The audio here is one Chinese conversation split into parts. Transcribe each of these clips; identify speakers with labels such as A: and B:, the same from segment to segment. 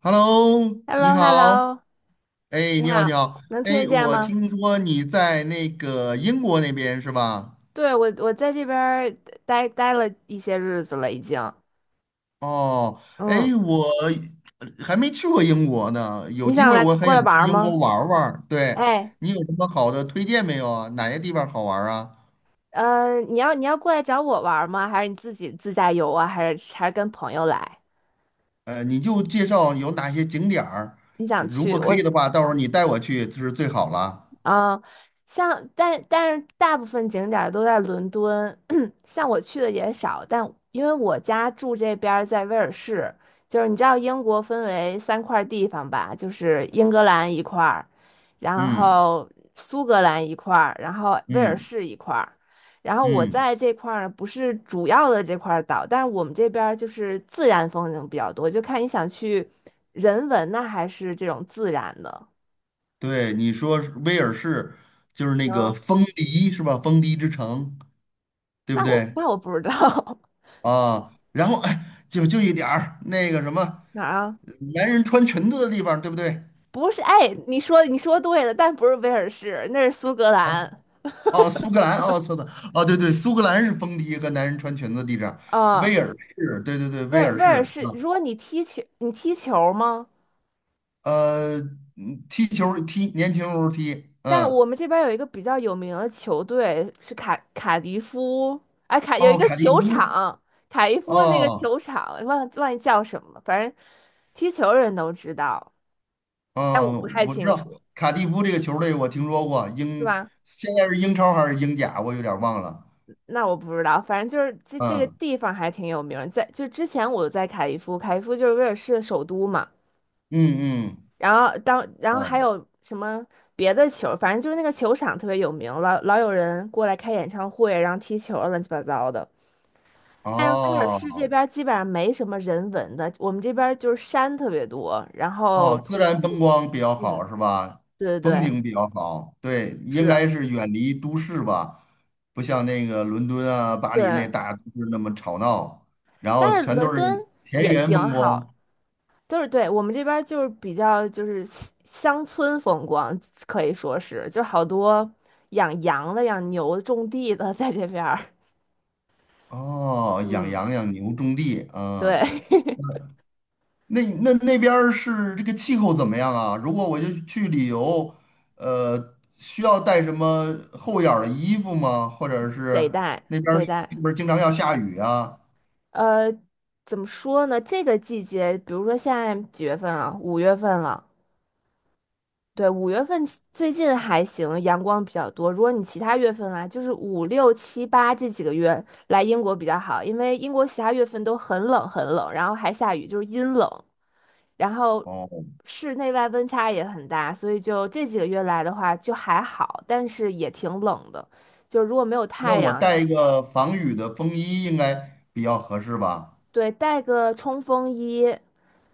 A: Hello，
B: h e l l o
A: 你
B: h e l l
A: 好，
B: o
A: 哎，
B: 你
A: 你好，你
B: 好，
A: 好，
B: 能听得
A: 哎，
B: 见
A: 我
B: 吗？
A: 听说你在那个英国那边是吧？
B: 对，我在这边儿待了一些日子了，已经。
A: 哦，
B: 嗯，
A: 哎，我还没去过英国呢，有
B: 你
A: 机
B: 想
A: 会
B: 来
A: 我很
B: 过
A: 想
B: 来玩
A: 去
B: 儿
A: 英国
B: 吗？
A: 玩儿玩儿。对，
B: 哎，
A: 你有什么好的推荐没有啊？哪些地方好玩儿啊？
B: 你要过来找我玩儿吗？还是你自己自驾游啊？还是跟朋友来？
A: 你就介绍有哪些景点儿，
B: 你想
A: 如
B: 去？
A: 果可
B: 我
A: 以的话，到时候你带我去就是最好了。
B: 啊，像但是大部分景点儿都在伦敦，像我去的也少，但因为我家住这边儿在威尔士，就是你知道英国分为三块儿地方吧，就是英格兰一块儿，然
A: 嗯。
B: 后苏格兰一块儿，然后威尔
A: 嗯。
B: 士一块儿，然后我
A: 嗯。
B: 在这块儿不是主要的这块儿岛，但是我们这边儿就是自然风景比较多，就看你想去人文呢还是这种自然的。
A: 对，你说是威尔士就是那个风笛是吧？风笛之城。对不
B: 那我
A: 对
B: 那我不知道。
A: 啊？然后哎，就一点儿那个什么，
B: 哪儿啊？
A: 男人穿裙子的地方，对不对
B: 不是，哎，你说对了，但不是威尔士，那是苏格
A: 啊？
B: 兰
A: 哦，苏格兰，哦，错的。哦，对对，苏格兰是风笛和男人穿裙子的地方，威
B: 啊。
A: 尔士，对对对，
B: 威
A: 威
B: 尔
A: 尔
B: 威尔
A: 士
B: 士，
A: 啊。
B: 如果你踢球，你踢球吗？
A: 呃，嗯，踢球儿踢，年轻时候踢。
B: 但
A: 嗯。
B: 我们这边有一个比较有名的球队是卡迪夫，哎，有一
A: 哦，
B: 个
A: 卡蒂
B: 球
A: 夫。
B: 场，卡迪夫那个
A: 哦。
B: 球场，忘记叫什么了，反正踢球人都知道，但我不
A: 哦，
B: 太
A: 我知
B: 清
A: 道
B: 楚，
A: 卡蒂夫这个球队，我听说过。
B: 是
A: 英
B: 吧？
A: 现在是英超还是英甲，我有点儿忘了。
B: 那我不知道，反正就是这个
A: 嗯。
B: 地方还挺有名儿，在就之前我在凯利夫，凯利夫就是威尔士首都嘛，
A: 嗯。嗯。
B: 然后然后还
A: 哦。
B: 有什么别的球，反正就是那个球场特别有名，老有人过来开演唱会，然后踢球儿乱七八糟的。但是威尔士这
A: 哦。
B: 边儿基本上没什么人文的，我们这边儿就是山特别多，然后
A: 哦，自
B: 徒
A: 然风
B: 步，
A: 光比较
B: 嗯，
A: 好是吧？
B: 对对
A: 风
B: 对，
A: 景比较好，对，应
B: 是，
A: 该是远离都市吧，不像那个伦敦啊、巴黎那
B: 对，
A: 大都市那么吵闹，然后
B: 但是
A: 全
B: 伦
A: 都
B: 敦
A: 是田
B: 也
A: 园
B: 挺
A: 风
B: 好。
A: 光。
B: 都是对，我们这边儿就是比较就是乡村风光，可以说是，就好多养羊的、养牛的、种地的 在这边儿。
A: 哦，养
B: 嗯，
A: 羊养牛种地
B: 对，
A: 啊。那那那边儿是这个气候怎么样啊？如果我就去旅游，需要带什么厚点儿的衣服吗？或者
B: 得
A: 是
B: 带
A: 那边儿
B: 得
A: 是
B: 带。
A: 不是经常要下雨啊？
B: 呃，怎么说呢？这个季节，比如说现在几月份啊？五月份了。对，五月份最近还行，阳光比较多。如果你其他月份来，就是5、6、7、8这几个月来英国比较好，因为英国其他月份都很冷很冷，然后还下雨，就是阴冷。然后
A: 哦。
B: 室内外温差也很大，所以就这几个月来的话就还好，但是也挺冷的。就如果没有
A: 那
B: 太
A: 我
B: 阳，
A: 带一个防雨的风衣应该比较合适吧？
B: 对，带个冲锋衣，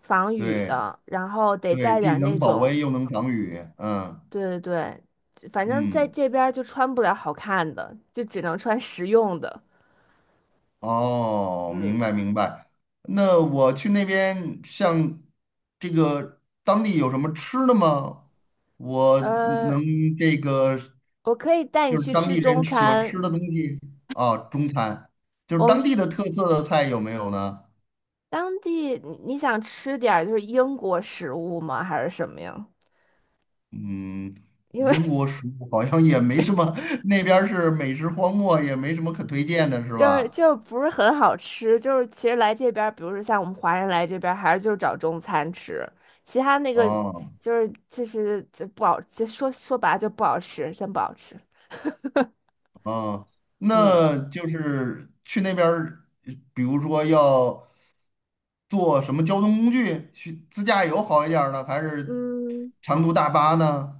B: 防雨
A: 对
B: 的，然后得
A: 对，
B: 带点
A: 既
B: 儿那
A: 能保温
B: 种，
A: 又能防雨。嗯。
B: 对对对，反正在
A: 嗯，
B: 这边儿就穿不了好看的，就只能穿实用的。
A: 哦，明
B: 嗯，
A: 白明白。那我去那边，像这个当地有什么吃的吗？我
B: 呃，
A: 能这个
B: 我可以带你
A: 就是
B: 去
A: 当
B: 吃
A: 地人
B: 中
A: 喜欢吃
B: 餐，
A: 的东西啊。中餐，就是
B: 我们
A: 当地的特色的菜有没有呢？
B: 当地你想吃点儿就是英国食物吗？还是什么呀？
A: 嗯，
B: 因为
A: 英国食物好像也没什么，那边儿是美食荒漠，也没什么可推荐的，是
B: 就是
A: 吧？
B: 就不是很好吃，就是其实来这边儿，比如说像我们华人来这边儿，还是就是找中餐吃，其他那个
A: 哦。
B: 就是其实就不好，就说白了就不好吃，真不好吃。
A: 哦，
B: 嗯，
A: 那就是去那边儿比如说要坐什么交通工具，去自驾游好一点儿呢，还是
B: 嗯，
A: 长途大巴呢？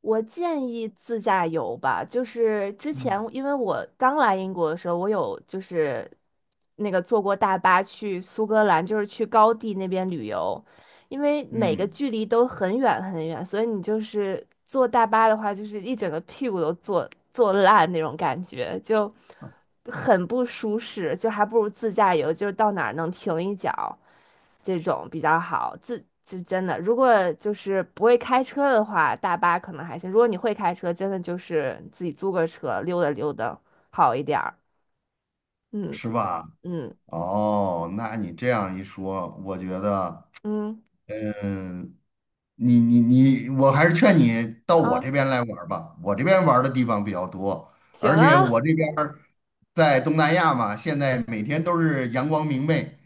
B: 我建议自驾游吧，就是之前
A: 嗯。
B: 因为我刚来英国的时候，我有就是那个坐过大巴去苏格兰，就是去高地那边旅游，因为每个
A: 嗯。
B: 距离都很远很远，所以你就是坐大巴的话，就是一整个屁股都坐烂那种感觉，就很不舒适，就还不如自驾游，就是到哪儿能停一脚。这种比较好。就真的，如果就是不会开车的话，大巴可能还行。如果你会开车，真的就是自己租个车溜达溜达好一点儿。嗯
A: 是吧？
B: 嗯
A: 哦，那你这样一说，我觉得。
B: 嗯
A: 嗯。你你你，我还是劝你到我
B: 啊，
A: 这边来玩儿吧，我这边玩儿的地方比较多，
B: 行
A: 而且
B: 啊，
A: 我这边儿在东南亚嘛，现在每天都是阳光明媚，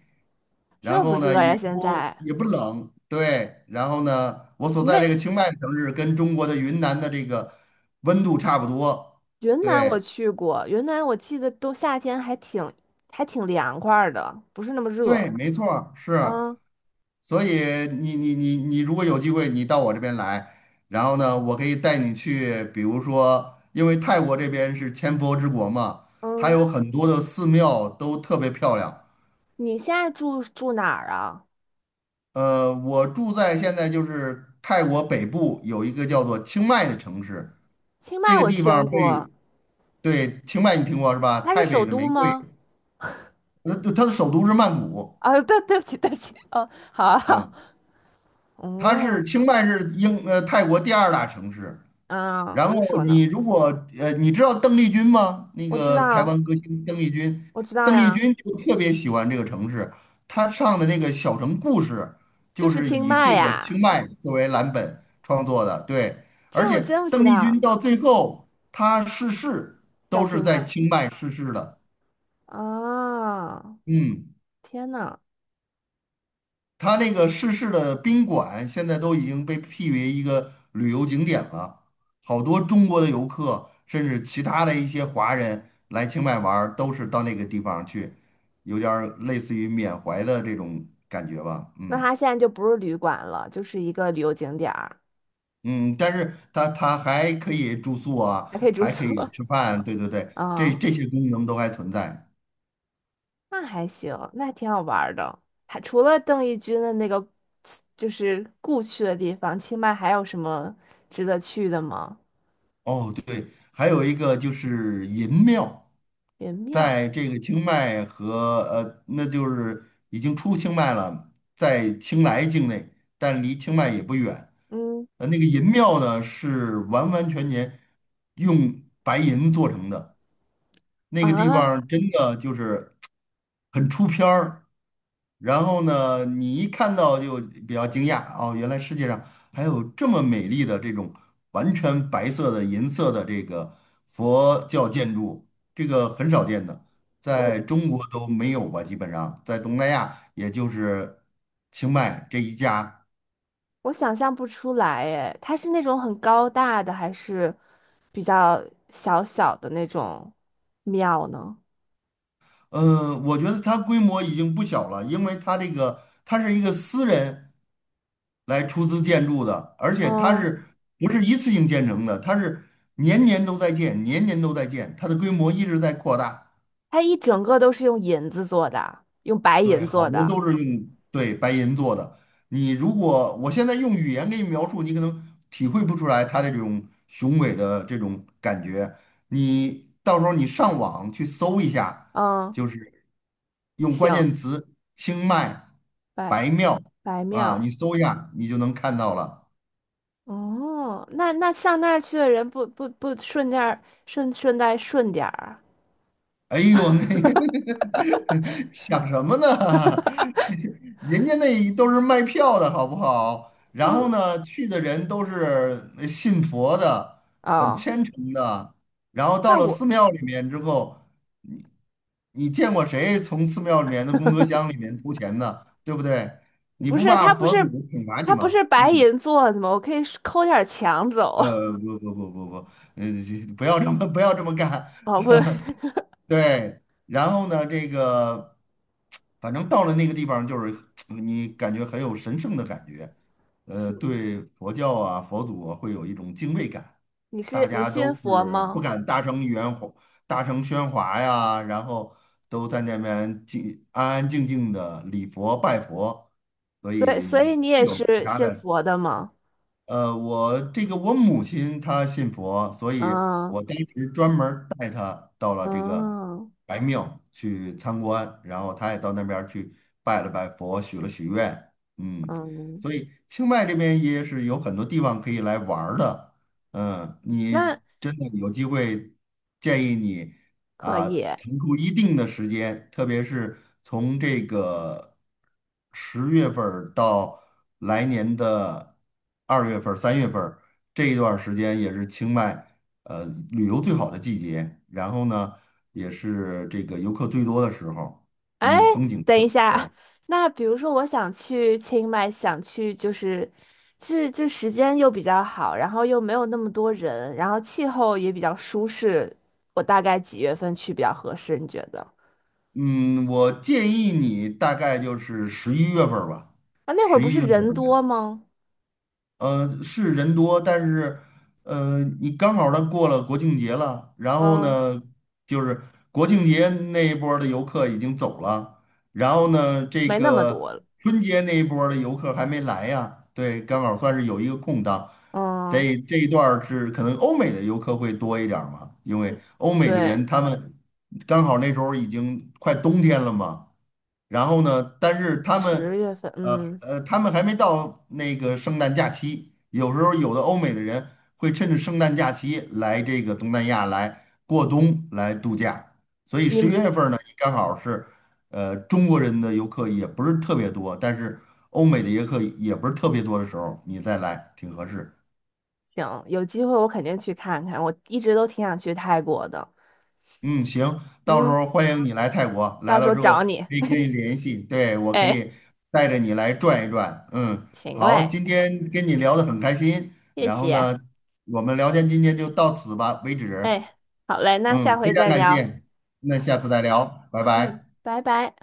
A: 然
B: 热不
A: 后呢
B: 热呀？
A: 也
B: 现
A: 不
B: 在
A: 也不冷，对，然后呢，我所
B: 你
A: 在
B: 那
A: 这个清迈城市跟中国的云南的这个温度差不多。
B: 云南我
A: 对
B: 去过，云南我记得都夏天还挺凉快儿的，不是那么热。
A: 对，没错儿是。
B: 嗯
A: 所以你如果有机会，你到我这边来，然后呢，我可以带你去，比如说，因为泰国这边是千佛之国嘛，它
B: 嗯，
A: 有很多的寺庙都特别漂亮。
B: 你现在住哪儿啊？
A: 呃，我住在现在就是泰国北部有一个叫做清迈的城市，
B: 清
A: 这
B: 迈
A: 个
B: 我
A: 地方
B: 听过，
A: 被，对，清迈你听过是吧？
B: 它是
A: 泰北
B: 首
A: 的
B: 都
A: 玫瑰。
B: 吗？
A: 呃，它的首都是曼谷。
B: 啊，对，对不起，对不起，哦，好啊好，
A: 嗯，它是
B: 嗯，
A: 清迈是英泰国第二大城市。
B: 啊，
A: 然
B: 我
A: 后
B: 就说
A: 你
B: 呢，
A: 如果你知道邓丽君吗？那
B: 我知
A: 个台
B: 道，
A: 湾歌星邓丽君，
B: 我知道
A: 邓丽
B: 呀，
A: 君就特别喜欢这个城市，她唱的那个《小城故事》
B: 就
A: 就
B: 是
A: 是
B: 清
A: 以
B: 迈
A: 这个
B: 呀，
A: 清迈作为蓝本创作的，对。
B: 这
A: 而
B: 我
A: 且
B: 真不知
A: 邓丽君
B: 道，
A: 到最后她逝世
B: 在
A: 都是
B: 清
A: 在
B: 迈
A: 清迈逝世的。
B: 啊，
A: 嗯。
B: 天呐，
A: 它那个逝世的宾馆现在都已经被辟为一个旅游景点了，好多中国的游客，甚至其他的一些华人来清迈玩儿，都是到那个地方去，有点儿类似于缅怀的这种感觉吧。
B: 那
A: 嗯。
B: 它现在就不是旅馆了，就是一个旅游景点儿，
A: 嗯，但是它还可以住宿啊，
B: 还可以住
A: 还
B: 宿
A: 可以吃饭，对对对，这
B: 啊，
A: 这些功能都还存在。
B: 那还行，那还挺好玩儿的。还除了邓丽君的那个就是故去的地方，清迈还有什么值得去的吗？
A: 哦，对，还有一个就是银庙，
B: 元庙，
A: 在这个清迈和，那就是已经出清迈了，在清莱境内，但离清迈也不远。
B: 嗯
A: 呃，那个银庙呢是完完全全用白银做成的，那个地
B: 啊。
A: 方真的就是很出片儿，然后呢，你一看到就比较惊讶。哦，原来世界上还有这么美丽的这种完全白色的银色的这个佛教建筑，这个很少见的，
B: 我
A: 在中国都没有吧，基本上在东南亚也就是清迈这一家。
B: 我想象不出来诶，它是那种很高大的，还是比较小小的那种庙呢？
A: 呃，我觉得它规模已经不小了，因为它这个它是一个私人。来出资建筑的，而且它
B: 嗯，
A: 是不是一次性建成的？它是年年都在建，年年都在建，它的规模一直在扩大。
B: 它一整个都是用银子做的，用白
A: 对，
B: 银
A: 好
B: 做
A: 多
B: 的。
A: 都是用对白银做的。你如果我现在用语言给你描述，你可能体会不出来它的这种雄伟的这种感觉。你到时候你上网去搜一下，
B: 嗯，
A: 就是用关
B: 行，
A: 键词“清迈
B: 白
A: 白庙”
B: 白
A: 啊，你
B: 庙。
A: 搜一下，你就能看到了。
B: 哦，那上那儿去的人不不不顺点儿顺带顺点儿，
A: 哎呦，那 想什么呢？人家那都是卖票的好不好？然后
B: 嗯，
A: 呢，去的人都是信佛的，很
B: 哦，
A: 虔诚的。然后到
B: 那
A: 了
B: 我
A: 寺庙里面之后，你你见过谁从寺庙里面的功德箱里面偷钱的，对不对？你
B: 不
A: 不
B: 是，
A: 怕
B: 它不
A: 佛祖
B: 是
A: 惩罚你
B: 它不
A: 吗？
B: 是
A: 嗯，
B: 白银做的吗？我可以抠点儿墙走。
A: 呃，不不不不不，呃，不要这么不要这么干，
B: 哦，不
A: 对，然后呢，这个，反正到了那个地方，就是你感觉很有神圣的感觉，呃，对佛教啊、佛祖啊，会有一种敬畏感，
B: 你
A: 大
B: 是你
A: 家
B: 信
A: 都
B: 佛
A: 是不
B: 吗？
A: 敢大声喧哗、大声喧哗呀，然后都在那边静安安静静的礼佛拜佛，所
B: 所以所
A: 以
B: 以你也
A: 有其
B: 是
A: 他
B: 信
A: 的。
B: 佛的吗？
A: 我这个我母亲她信佛，所以
B: 嗯
A: 我当时专门儿带她到了这个
B: 嗯
A: 白庙去参观，然后她也到那边儿去拜了拜佛，许了许愿。嗯，
B: 嗯，
A: 所以清迈这边也是有很多地方可以来玩儿的。嗯，
B: 那
A: 你真的有机会，建议你。
B: 可
A: 啊，
B: 以。
A: 腾出一定的时间，特别是从这个10月份儿到来年的2月份儿、3月份儿这一段儿时间，也是清迈呃旅游最好的季节。然后呢，也是这个游客最多的时候。
B: 哎，
A: 嗯，风景
B: 等
A: 最
B: 一
A: 好。
B: 下，那比如说我想去清迈，想去就是是这时间又比较好，然后又没有那么多人，然后气候也比较舒适，我大概几月份去比较合适？你觉得？
A: 嗯，我建议你大概就是十一月份儿吧，
B: 啊，那会儿
A: 十
B: 不
A: 一
B: 是
A: 月
B: 人多
A: 份。
B: 吗？
A: 呃，是人多，但是，你刚好他过了国庆节了，然后
B: 嗯，
A: 呢，就是国庆节那一波儿的游客已经走了，然后呢，这
B: 没那么
A: 个
B: 多了。
A: 春节那一波儿的游客还没来呀，对，刚好算是有一个空档。
B: 嗯。
A: 得这一段儿是可能欧美的游客会多一点儿嘛，因为
B: 嗯
A: 欧美的
B: 对，
A: 人他们刚好那时候已经快冬天了嘛，然后呢，但是他们，
B: 10月份，嗯，
A: 他们还没到那个圣诞假期，有时候有的欧美的人会趁着圣诞假期来这个东南亚来过冬来度假，所以
B: 你
A: 十一
B: 们
A: 月份儿呢，也刚好是，中国人的游客也不是特别多，但是欧美的游客也不是特别多的时候，你再来挺合适。
B: 行，有机会我肯定去看看，我一直都挺想去泰国的。
A: 嗯，行，到时
B: 嗯，
A: 候欢迎你来泰国，来
B: 到时
A: 了
B: 候
A: 之后
B: 找你。
A: 可以跟你联系，对，我可
B: 哎，
A: 以带着你来转一转。嗯，
B: 行
A: 好，
B: 嘞，
A: 今天跟你聊得很开心，
B: 谢
A: 然后
B: 谢。
A: 呢，我们聊天今天就到此吧为止。
B: 哎，好嘞，那
A: 嗯，
B: 下回
A: 非常
B: 再
A: 感
B: 聊。
A: 谢，那下次再聊，拜
B: 嗯，
A: 拜。
B: 拜拜。